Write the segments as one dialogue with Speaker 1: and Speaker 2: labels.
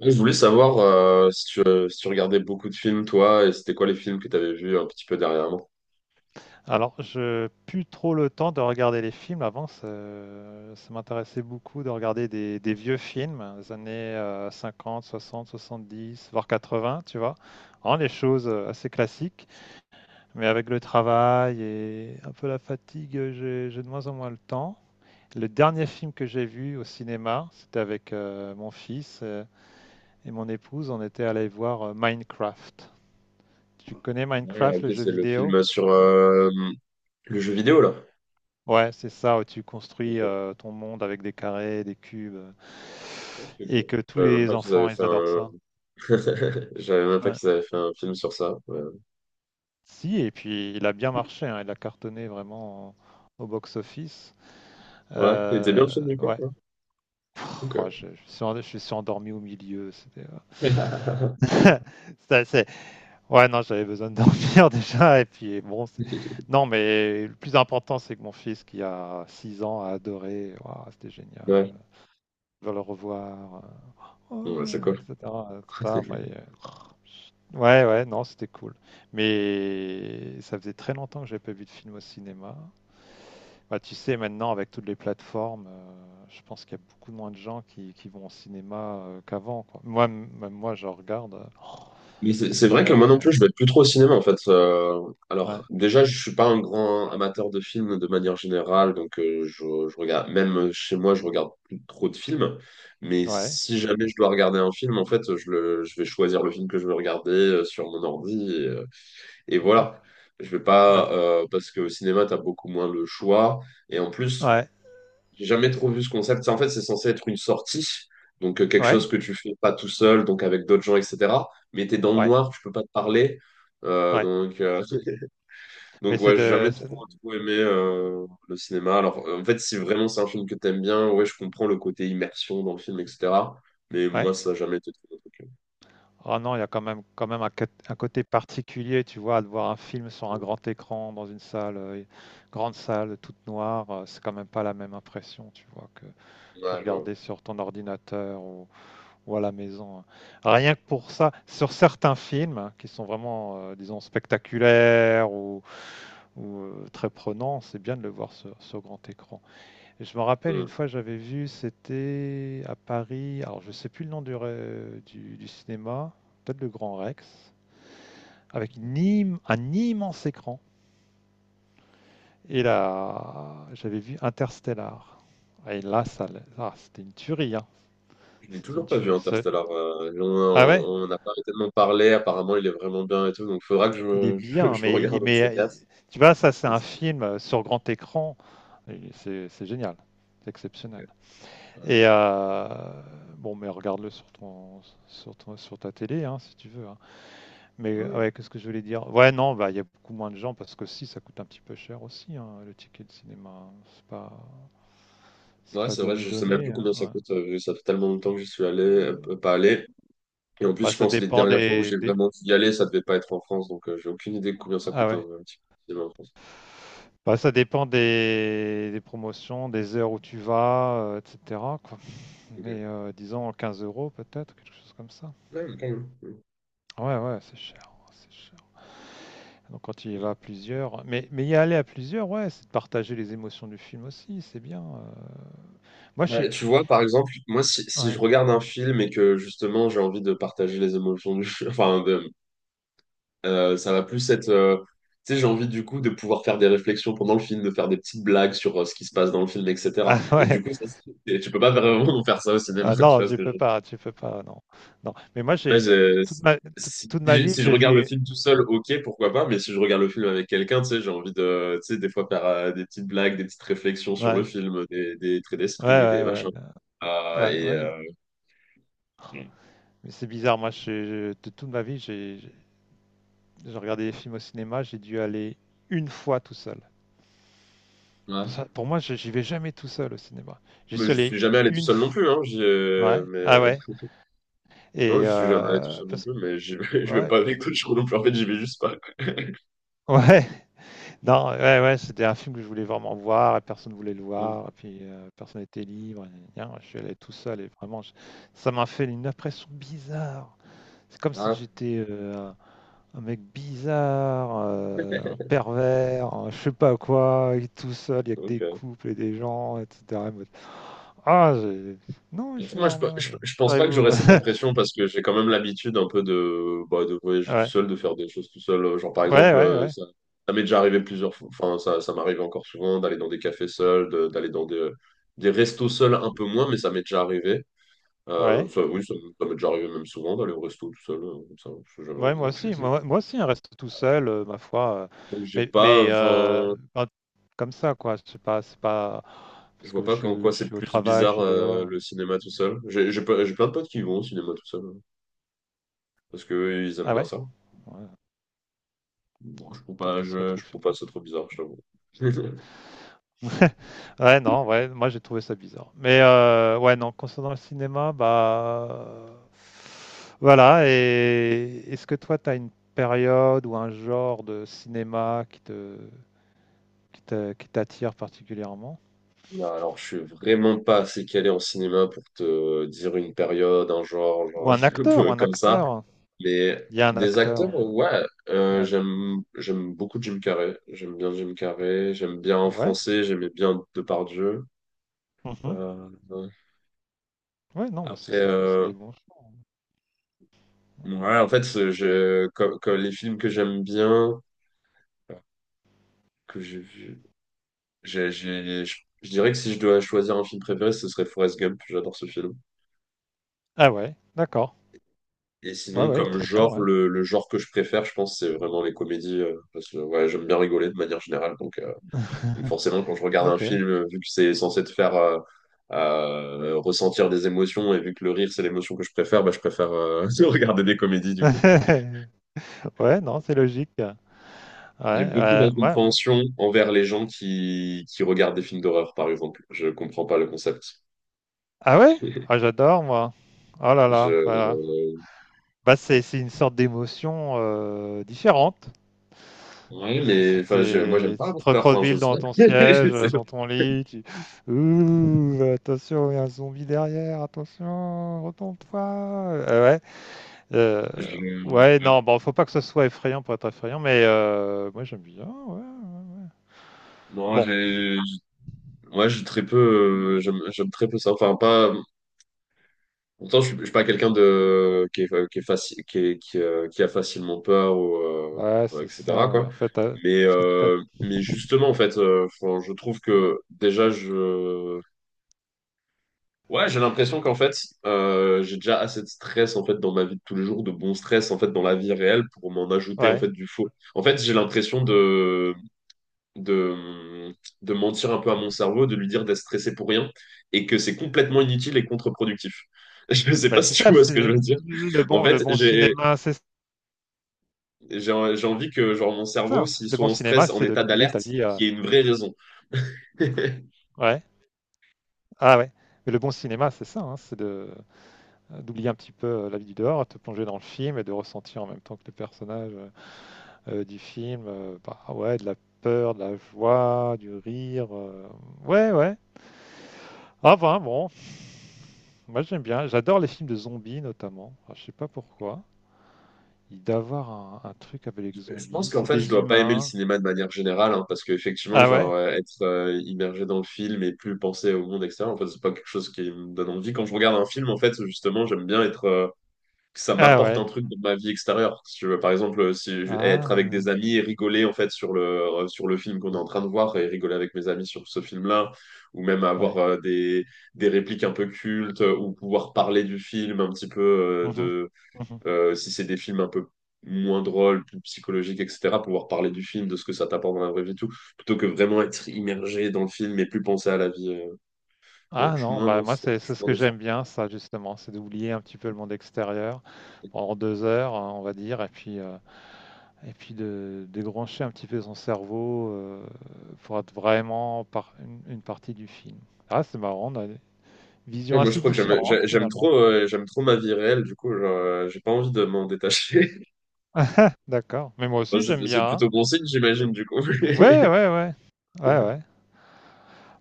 Speaker 1: Je voulais savoir si tu regardais beaucoup de films, toi, et c'était quoi les films que tu avais vus un petit peu dernièrement?
Speaker 2: Alors, je plus trop le temps de regarder les films. Avant, ça m'intéressait beaucoup de regarder des vieux films, des années 50, 60, 70, voire 80, tu vois. Vraiment les choses assez classiques. Mais avec le travail et un peu la fatigue, j'ai de moins en moins le temps. Le dernier film que j'ai vu au cinéma, c'était avec mon fils et mon épouse. On était allés voir Minecraft. Tu connais
Speaker 1: Ouais,
Speaker 2: Minecraft, le
Speaker 1: ok,
Speaker 2: jeu
Speaker 1: c'est le
Speaker 2: vidéo?
Speaker 1: film sur le jeu vidéo, là.
Speaker 2: Ouais, c'est ça, où tu construis
Speaker 1: Ok,
Speaker 2: ton monde avec des carrés, des cubes,
Speaker 1: ok,
Speaker 2: et
Speaker 1: ok.
Speaker 2: que
Speaker 1: Je
Speaker 2: tous
Speaker 1: savais même
Speaker 2: les
Speaker 1: pas qu'ils avaient
Speaker 2: enfants,
Speaker 1: fait
Speaker 2: ils adorent
Speaker 1: un.
Speaker 2: ça.
Speaker 1: Je savais même pas
Speaker 2: Ouais.
Speaker 1: qu'ils avaient fait un film sur ça. Ouais,
Speaker 2: Si, et puis il a bien marché, hein, il a cartonné vraiment au box-office.
Speaker 1: ouais. Il était bien
Speaker 2: Euh,
Speaker 1: le film, du coup,
Speaker 2: ouais.
Speaker 1: quoi.
Speaker 2: Pff, oh,
Speaker 1: Ok.
Speaker 2: je suis endormi au milieu. C'était, c'était assez- ouais, non, j'avais besoin de dormir déjà, et puis bon, non, mais le plus important, c'est que mon fils, qui a 6 ans, a adoré. Waouh, c'était génial,
Speaker 1: Ouais.
Speaker 2: je vais le revoir.
Speaker 1: Bon, bah, c'est
Speaker 2: Oh, et
Speaker 1: cool.
Speaker 2: cetera, et cetera. Après, ouais, ouais, non, c'était cool. Mais ça faisait très longtemps que j'avais pas vu de film au cinéma. Bah, tu sais, maintenant, avec toutes les plateformes, je pense qu'il y a beaucoup moins de gens qui vont au cinéma qu'avant, quoi. Moi, même moi, je regarde, oh,
Speaker 1: Mais c'est vrai que
Speaker 2: comparé...
Speaker 1: moi non plus, je vais plus trop au cinéma en fait. Alors
Speaker 2: ouais,
Speaker 1: déjà, je suis pas un grand amateur de films de manière générale, donc je regarde même chez moi, je regarde plus trop de films. Mais
Speaker 2: ouais.
Speaker 1: si jamais je dois regarder un film, en fait, je vais choisir le film que je veux regarder sur mon ordi et
Speaker 2: Mhm.
Speaker 1: voilà. Je vais
Speaker 2: Ouais,
Speaker 1: pas parce que au cinéma, t'as beaucoup moins le choix et en plus.
Speaker 2: ouais,
Speaker 1: J'ai jamais trop vu ce concept. Ça, en fait, c'est censé être une sortie, donc quelque chose
Speaker 2: ouais,
Speaker 1: que tu fais pas tout seul, donc avec d'autres gens, etc. Mais t'es dans le
Speaker 2: ouais,
Speaker 1: noir, tu peux pas te parler.
Speaker 2: ouais.
Speaker 1: Donc,
Speaker 2: Mais
Speaker 1: donc ouais, j'ai jamais trop, trop aimé le cinéma. Alors, en fait, si vraiment c'est un film que t'aimes bien, ouais, je comprends le côté immersion dans le film, etc. Mais
Speaker 2: ouais.
Speaker 1: moi, ça n'a jamais été trop mon truc.
Speaker 2: Ah non, il y a quand même un côté particulier, tu vois, de voir un film sur un grand écran, dans une salle, grande salle, toute noire, c'est quand même pas la même impression, tu vois, que
Speaker 1: Ouais, je.
Speaker 2: regarder sur ton ordinateur ou à la maison, hein. Rien que pour ça, sur certains films hein, qui sont vraiment, disons, spectaculaires ou, très prenants, c'est bien de le voir sur grand écran. Et je me rappelle une
Speaker 1: Hmm.
Speaker 2: fois j'avais vu, c'était à Paris, alors je sais plus le nom du cinéma, peut-être le Grand Rex, avec un immense écran. Et là, j'avais vu Interstellar. Et là, ça, ah, c'était une tuerie, hein.
Speaker 1: Je l'ai
Speaker 2: C'était une
Speaker 1: toujours pas vu
Speaker 2: tuerie.
Speaker 1: Interstellar. On
Speaker 2: Ah ouais,
Speaker 1: on- on n'a pas tellement parlé. Apparemment, il est vraiment bien et tout. Donc, faudra que
Speaker 2: il est bien,
Speaker 1: je, me
Speaker 2: mais,
Speaker 1: regarde un de
Speaker 2: mais
Speaker 1: ces quatre.
Speaker 2: tu vois, ça c'est un film sur grand écran. Et c'est génial, c'est exceptionnel.
Speaker 1: Ouais.
Speaker 2: Et bon, mais regarde-le sur ta télé, hein, si tu veux, hein. Mais ouais,
Speaker 1: Mm.
Speaker 2: qu'est-ce que je voulais dire? Ouais, non, bah il y a beaucoup moins de gens parce que si ça coûte un petit peu cher aussi, hein, le ticket de cinéma, hein. C'est pas, c'est
Speaker 1: Ouais,
Speaker 2: pas
Speaker 1: c'est vrai,
Speaker 2: donné
Speaker 1: je sais même plus
Speaker 2: donné, hein,
Speaker 1: combien ça
Speaker 2: ouais.
Speaker 1: coûte, vu que ça fait tellement longtemps que j'y suis allé,
Speaker 2: Euh,
Speaker 1: pas allé. Et en plus,
Speaker 2: Bah
Speaker 1: je
Speaker 2: ça
Speaker 1: pense que les
Speaker 2: dépend,
Speaker 1: dernières fois où j'ai vraiment dû y aller, ça devait pas être en France, donc j'ai aucune idée de combien ça
Speaker 2: ah
Speaker 1: coûte un,
Speaker 2: ouais.
Speaker 1: un petit cinéma en France.
Speaker 2: Bah ça dépend des promotions, des heures où tu vas, etc., quoi.
Speaker 1: Ok.
Speaker 2: Mais disons 15 € peut-être, quelque chose comme ça.
Speaker 1: Ouais, mais quand même. Mm.
Speaker 2: Ouais, ouais, c'est cher, c'est cher. Donc quand tu y vas
Speaker 1: Mm.
Speaker 2: à plusieurs, mais y aller à plusieurs, ouais, c'est de partager les émotions du film aussi, c'est bien. Moi, je
Speaker 1: Ouais,
Speaker 2: suis...
Speaker 1: tu vois, par exemple, moi, si je
Speaker 2: Ouais.
Speaker 1: regarde un film et que justement j'ai envie de partager les émotions du film, enfin, ça va plus être. Tu sais, j'ai envie du coup de pouvoir faire des réflexions pendant le film, de faire des petites blagues sur ce qui se passe dans le film, etc.
Speaker 2: Ah
Speaker 1: Et du
Speaker 2: ouais,
Speaker 1: coup, ça, tu peux pas vraiment faire ça au cinéma,
Speaker 2: ah
Speaker 1: tu
Speaker 2: non,
Speaker 1: vois ce que je veux dire.
Speaker 2: tu peux pas, non. Non. Mais moi,
Speaker 1: Ouais,
Speaker 2: j'ai toute, toute ma vie,
Speaker 1: si je
Speaker 2: j'ai
Speaker 1: regarde le
Speaker 2: vu.
Speaker 1: film tout seul, ok, pourquoi pas, mais si je regarde le film avec quelqu'un, tu sais, j'ai envie de, tu sais, des fois faire des petites blagues, des petites réflexions sur le
Speaker 2: Ouais,
Speaker 1: film, des traits
Speaker 2: ouais,
Speaker 1: d'esprit, des
Speaker 2: ouais,
Speaker 1: machins. Ah,
Speaker 2: ouais, ouais,
Speaker 1: et,
Speaker 2: ouais. Mais c'est bizarre, moi, de toute ma vie, j'ai regardé des films au cinéma, j'ai dû aller une fois tout seul.
Speaker 1: ouais.
Speaker 2: Ça, pour moi, j'y vais jamais tout seul au cinéma. J'y
Speaker 1: Mais
Speaker 2: suis
Speaker 1: je suis
Speaker 2: allé
Speaker 1: jamais allé tout
Speaker 2: une
Speaker 1: seul non
Speaker 2: fois.
Speaker 1: plus, hein,
Speaker 2: Ouais,
Speaker 1: mais,
Speaker 2: ah ouais. Et
Speaker 1: non, je suis jamais allé tout
Speaker 2: euh,
Speaker 1: seul non
Speaker 2: parce-
Speaker 1: plus, mais je vais
Speaker 2: ouais,
Speaker 1: pas avec d'autres gens non plus, en fait, j'y vais juste pas.
Speaker 2: ouais. Non, ouais, ouais, c'était un film que je voulais vraiment voir et personne ne voulait le
Speaker 1: Mm.
Speaker 2: voir. Et puis personne n'était libre, et gna, je suis allé tout seul et vraiment, ça m'a fait une impression bizarre. C'est comme si
Speaker 1: Ah,
Speaker 2: j'étais un mec bizarre, un pervers, un je sais pas quoi, et tout seul, il y a que des
Speaker 1: ok.
Speaker 2: couples et des gens, etc. Et moi, ah, non, je suis
Speaker 1: Moi, je, pe-
Speaker 2: normal.
Speaker 1: je, je pense pas que j'aurais
Speaker 2: Vous.
Speaker 1: cette impression parce que j'ai quand même l'habitude un peu de voyager tout
Speaker 2: Ouais,
Speaker 1: seul, de faire des choses tout seul. Genre, par
Speaker 2: ouais,
Speaker 1: exemple,
Speaker 2: ouais,
Speaker 1: ça, ça m'est déjà arrivé plusieurs fois, enfin, ça m'arrive encore souvent d'aller dans des cafés seuls, d'aller dans des restos seuls un peu moins, mais ça m'est déjà arrivé.
Speaker 2: ouais.
Speaker 1: Ça, oui, ça m'est déjà arrivé même souvent d'aller au resto tout seul, comme ça, parce que j'avais
Speaker 2: Ouais,
Speaker 1: envie.
Speaker 2: moi aussi, hein, reste tout seul, ma foi.
Speaker 1: Donc, j'ai
Speaker 2: Mais
Speaker 1: pas,
Speaker 2: mais
Speaker 1: enfin,
Speaker 2: ben, comme ça, quoi. C'est pas
Speaker 1: je
Speaker 2: parce que
Speaker 1: vois pas en quoi
Speaker 2: je
Speaker 1: c'est
Speaker 2: suis au
Speaker 1: plus
Speaker 2: travail, je
Speaker 1: bizarre
Speaker 2: suis dehors.
Speaker 1: le
Speaker 2: Mmh.
Speaker 1: cinéma tout seul. J'ai plein de potes qui vont au cinéma tout seul hein, parce que eux, ils aiment
Speaker 2: Ah
Speaker 1: bien
Speaker 2: ouais?
Speaker 1: ça.
Speaker 2: Ouais,
Speaker 1: Non, je trouve
Speaker 2: peut-être
Speaker 1: pas,
Speaker 2: qu'ils se
Speaker 1: je
Speaker 2: retrouvent
Speaker 1: trouve
Speaker 2: sur
Speaker 1: pas ça
Speaker 2: place.
Speaker 1: trop bizarre, je t'avoue.
Speaker 2: Ouais, non, ouais, moi j'ai trouvé ça bizarre. Mais ouais, non, concernant le cinéma, bah voilà. Et est-ce que toi, t'as une période ou un genre de cinéma qui te qui t'attire particulièrement?
Speaker 1: Non, alors je suis vraiment pas assez calé en cinéma pour te dire une période, un genre,
Speaker 2: Ou un
Speaker 1: un
Speaker 2: acteur, ou
Speaker 1: peu
Speaker 2: un
Speaker 1: comme ça.
Speaker 2: acteur?
Speaker 1: Mais
Speaker 2: Il y a un
Speaker 1: des
Speaker 2: acteur,
Speaker 1: acteurs, ouais,
Speaker 2: ouais.
Speaker 1: j'aime beaucoup Jim Carrey. J'aime bien Jim Carrey. J'aime bien en
Speaker 2: Ouais.
Speaker 1: français. J'aimais bien Depardieu.
Speaker 2: Mmh.
Speaker 1: Ouais.
Speaker 2: Ouais, non, bah, ça
Speaker 1: Après,
Speaker 2: c'est des bons choix, hein.
Speaker 1: ouais, en fait, comme les films que j'aime bien, que j'ai vu. J'ai- j'ai- je, je dirais que si je dois choisir un film préféré, ce serait Forrest Gump. J'adore ce film.
Speaker 2: Ah ouais, d'accord.
Speaker 1: Et
Speaker 2: Ouais,
Speaker 1: sinon,
Speaker 2: ouais, il est
Speaker 1: comme
Speaker 2: très bien,
Speaker 1: genre,
Speaker 2: ouais.
Speaker 1: le genre que je préfère, je pense, c'est vraiment les comédies. Parce que ouais, j'aime bien rigoler de manière générale. Donc, forcément, quand je regarde un
Speaker 2: OK.
Speaker 1: film, vu que c'est censé te faire ressentir des émotions, et vu que le rire, c'est l'émotion que je préfère, bah, je préfère regarder des comédies, du coup.
Speaker 2: Ouais, non, c'est logique. Ouais,
Speaker 1: J'ai beaucoup
Speaker 2: ouais, ouais, m
Speaker 1: d'incompréhension envers les gens qui regardent des films d'horreur, par exemple. Je comprends pas le concept.
Speaker 2: ah ouais? Ah j'adore moi. Oh là
Speaker 1: Je,
Speaker 2: là, voilà. Bah, c'est une sorte d'émotion, différente.
Speaker 1: Oui,
Speaker 2: Ça
Speaker 1: mais enfin, moi, j'aime
Speaker 2: t'es
Speaker 1: pas
Speaker 2: tu te
Speaker 1: Avatar. Enfin, je
Speaker 2: recroquevilles
Speaker 1: sais
Speaker 2: dans ton
Speaker 1: pas. Je
Speaker 2: siège,
Speaker 1: sais pas.
Speaker 2: dans ton lit, tu: «Ouh, attention, il y a un zombie derrière, attention, retourne-toi!» Ouais. Euh,
Speaker 1: Je-
Speaker 2: ouais,
Speaker 1: ouais.
Speaker 2: non, bon, faut pas que ce soit effrayant pour être effrayant, mais moi j'aime bien. Ouais, ouais, ouais.
Speaker 1: Non,
Speaker 2: Bon,
Speaker 1: j'ai très peu, j'aime très peu ça. Enfin, pas, pourtant, je suis, pas quelqu'un de, qui est facile, qui a facilement peur ou,
Speaker 2: ouais,
Speaker 1: ouais,
Speaker 2: c'est
Speaker 1: etc.,
Speaker 2: ça, ouais.
Speaker 1: quoi.
Speaker 2: En fait,
Speaker 1: Mais,
Speaker 2: flippette.
Speaker 1: euh, mais justement, en fait, enfin, je trouve que déjà, Ouais, j'ai l'impression qu'en fait, j'ai déjà assez de stress en fait dans ma vie de tous les jours, de bon stress en fait dans la vie réelle pour m'en ajouter en
Speaker 2: Ouais,
Speaker 1: fait du faux. En fait, j'ai l'impression de, de de mentir un peu à mon cerveau, de lui dire d'être stressé pour rien et que c'est complètement inutile et contre-productif. Je ne sais
Speaker 2: bah,
Speaker 1: pas
Speaker 2: c'est
Speaker 1: si
Speaker 2: ça
Speaker 1: tu
Speaker 2: le,
Speaker 1: vois ce que je
Speaker 2: ciné-
Speaker 1: veux dire.
Speaker 2: le
Speaker 1: En
Speaker 2: bon,
Speaker 1: fait, j'ai
Speaker 2: cinéma, c'est
Speaker 1: j'ai j'ai envie que genre mon cerveau,
Speaker 2: ça.
Speaker 1: s'il
Speaker 2: Le
Speaker 1: soit
Speaker 2: bon
Speaker 1: en
Speaker 2: cinéma,
Speaker 1: stress, en
Speaker 2: c'est de
Speaker 1: état
Speaker 2: d'oublier ta
Speaker 1: d'alerte,
Speaker 2: vie.
Speaker 1: qu'il y ait une vraie raison.
Speaker 2: Ouais, ah ouais. Mais le bon cinéma, c'est ça, hein, c'est de d'oublier un petit peu la vie du dehors, te plonger dans le film et de ressentir en même temps que les personnages du film, bah ouais, de la peur, de la joie, du rire. Ouais, ouais. Ah ben bon, moi j'aime bien, j'adore les films de zombies notamment. Enfin, je sais pas pourquoi. Il doit avoir un truc avec les
Speaker 1: Je
Speaker 2: zombies,
Speaker 1: pense qu'en
Speaker 2: c'est
Speaker 1: fait, je
Speaker 2: des
Speaker 1: dois pas aimer le
Speaker 2: humains.
Speaker 1: cinéma de manière générale, hein, parce qu'effectivement,
Speaker 2: Ah ouais?
Speaker 1: genre, être immergé dans le film et plus penser au monde extérieur, en fait, c'est pas quelque chose qui me donne envie. Quand je regarde un film, en fait, justement, j'aime bien être, que ça
Speaker 2: Ah
Speaker 1: m'apporte un
Speaker 2: ouais.
Speaker 1: truc de ma vie extérieure. Si tu veux, par exemple, si je- être
Speaker 2: Ah
Speaker 1: avec des
Speaker 2: ouais.
Speaker 1: amis et rigoler, en fait, sur le film qu'on est en train de voir et rigoler avec mes amis sur ce film-là, ou même avoir
Speaker 2: Ouais.
Speaker 1: des répliques un peu cultes, ou pouvoir parler du film un petit peu,
Speaker 2: Mhm. Mhm.
Speaker 1: si c'est des films un peu moins drôles, plus psychologiques, etc., pouvoir parler du film, de ce que ça t'apporte dans la vraie vie, et tout, plutôt que vraiment être immergé dans le film et plus penser à la vie. Non,
Speaker 2: Ah non, bah moi c'est
Speaker 1: je suis
Speaker 2: c'est ce
Speaker 1: moins
Speaker 2: que
Speaker 1: dans ça.
Speaker 2: j'aime bien ça justement, c'est d'oublier un petit peu le monde extérieur pendant 2 heures, hein, on va dire, et puis de débrancher un petit peu son cerveau pour être vraiment par une partie du film. Ah c'est marrant, on a des visions
Speaker 1: Ouais, moi, je
Speaker 2: assez
Speaker 1: crois que j'aime
Speaker 2: différentes
Speaker 1: j'a- j'aime
Speaker 2: finalement.
Speaker 1: trop, euh, j'aime trop ma vie réelle, du coup, genre, j'ai pas envie de m'en détacher.
Speaker 2: D'accord. Mais moi
Speaker 1: Bon,
Speaker 2: aussi,
Speaker 1: c'est
Speaker 2: j'aime
Speaker 1: c'est
Speaker 2: bien, hein.
Speaker 1: plutôt bon signe, j'imagine, du coup.
Speaker 2: Ouais, ouais, ouais. Ouais, ouais.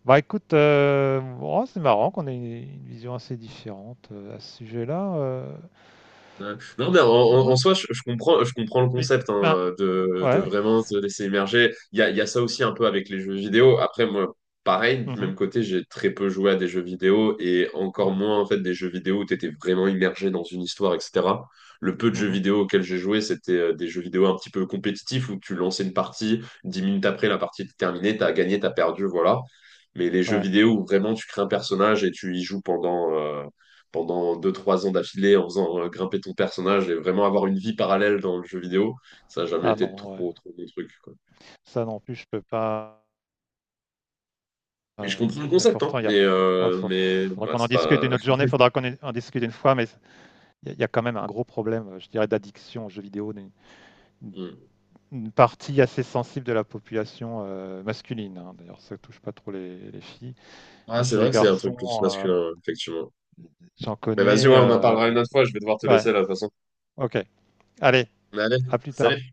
Speaker 2: Bah écoute, oh, c'est marrant qu'on ait une vision assez différente à ce sujet-là.
Speaker 1: Ouais. Non, mais en, en-
Speaker 2: Ouais.
Speaker 1: en soi, je comprends le
Speaker 2: Mais,
Speaker 1: concept
Speaker 2: ben,
Speaker 1: hein, de
Speaker 2: ouais.
Speaker 1: vraiment se laisser émerger. Il y a ça aussi un peu avec les jeux vidéo. Après, moi, pareil, du
Speaker 2: Mhm,
Speaker 1: même côté, j'ai très peu joué à des jeux vidéo et encore
Speaker 2: ouais.
Speaker 1: moins en fait des jeux vidéo où tu étais vraiment immergé dans une histoire, etc. Le peu de jeux
Speaker 2: Mhm,
Speaker 1: vidéo auxquels j'ai joué, c'était des jeux vidéo un petit peu compétitifs où tu lançais une partie, 10 minutes après, la partie était terminée, t'as gagné, t'as perdu, voilà. Mais les jeux
Speaker 2: ouais.
Speaker 1: vidéo où vraiment tu crées un personnage et tu y joues pendant deux trois ans d'affilée en faisant grimper ton personnage et vraiment avoir une vie parallèle dans le jeu vidéo, ça n'a jamais
Speaker 2: Ah
Speaker 1: été
Speaker 2: non, ouais.
Speaker 1: trop, trop mon truc, quoi.
Speaker 2: Ça non plus, je peux pas.
Speaker 1: Mais je
Speaker 2: euh,
Speaker 1: comprends le
Speaker 2: Et
Speaker 1: concept, hein,
Speaker 2: pourtant, il y a.
Speaker 1: mais,
Speaker 2: Ouais,
Speaker 1: euh, mais
Speaker 2: faudra
Speaker 1: bah,
Speaker 2: qu'on en
Speaker 1: c'est
Speaker 2: discute
Speaker 1: pas.
Speaker 2: une autre journée, faudra qu'on en discute une fois, mais il y a quand même un gros problème, je dirais, d'addiction aux jeux vidéo d'une
Speaker 1: Hmm.
Speaker 2: une partie assez sensible de la population masculine, hein. D'ailleurs, ça touche pas trop les filles.
Speaker 1: Ah,
Speaker 2: Mais
Speaker 1: c'est
Speaker 2: chez
Speaker 1: vrai
Speaker 2: les
Speaker 1: que c'est un truc plus
Speaker 2: garçons,
Speaker 1: masculin, effectivement.
Speaker 2: j'en
Speaker 1: Mais vas-y,
Speaker 2: connais.
Speaker 1: ouais, on en parlera une autre fois, je vais devoir te
Speaker 2: Ouais,
Speaker 1: laisser là, de toute façon.
Speaker 2: ok. Allez,
Speaker 1: Allez,
Speaker 2: à plus tard.
Speaker 1: salut!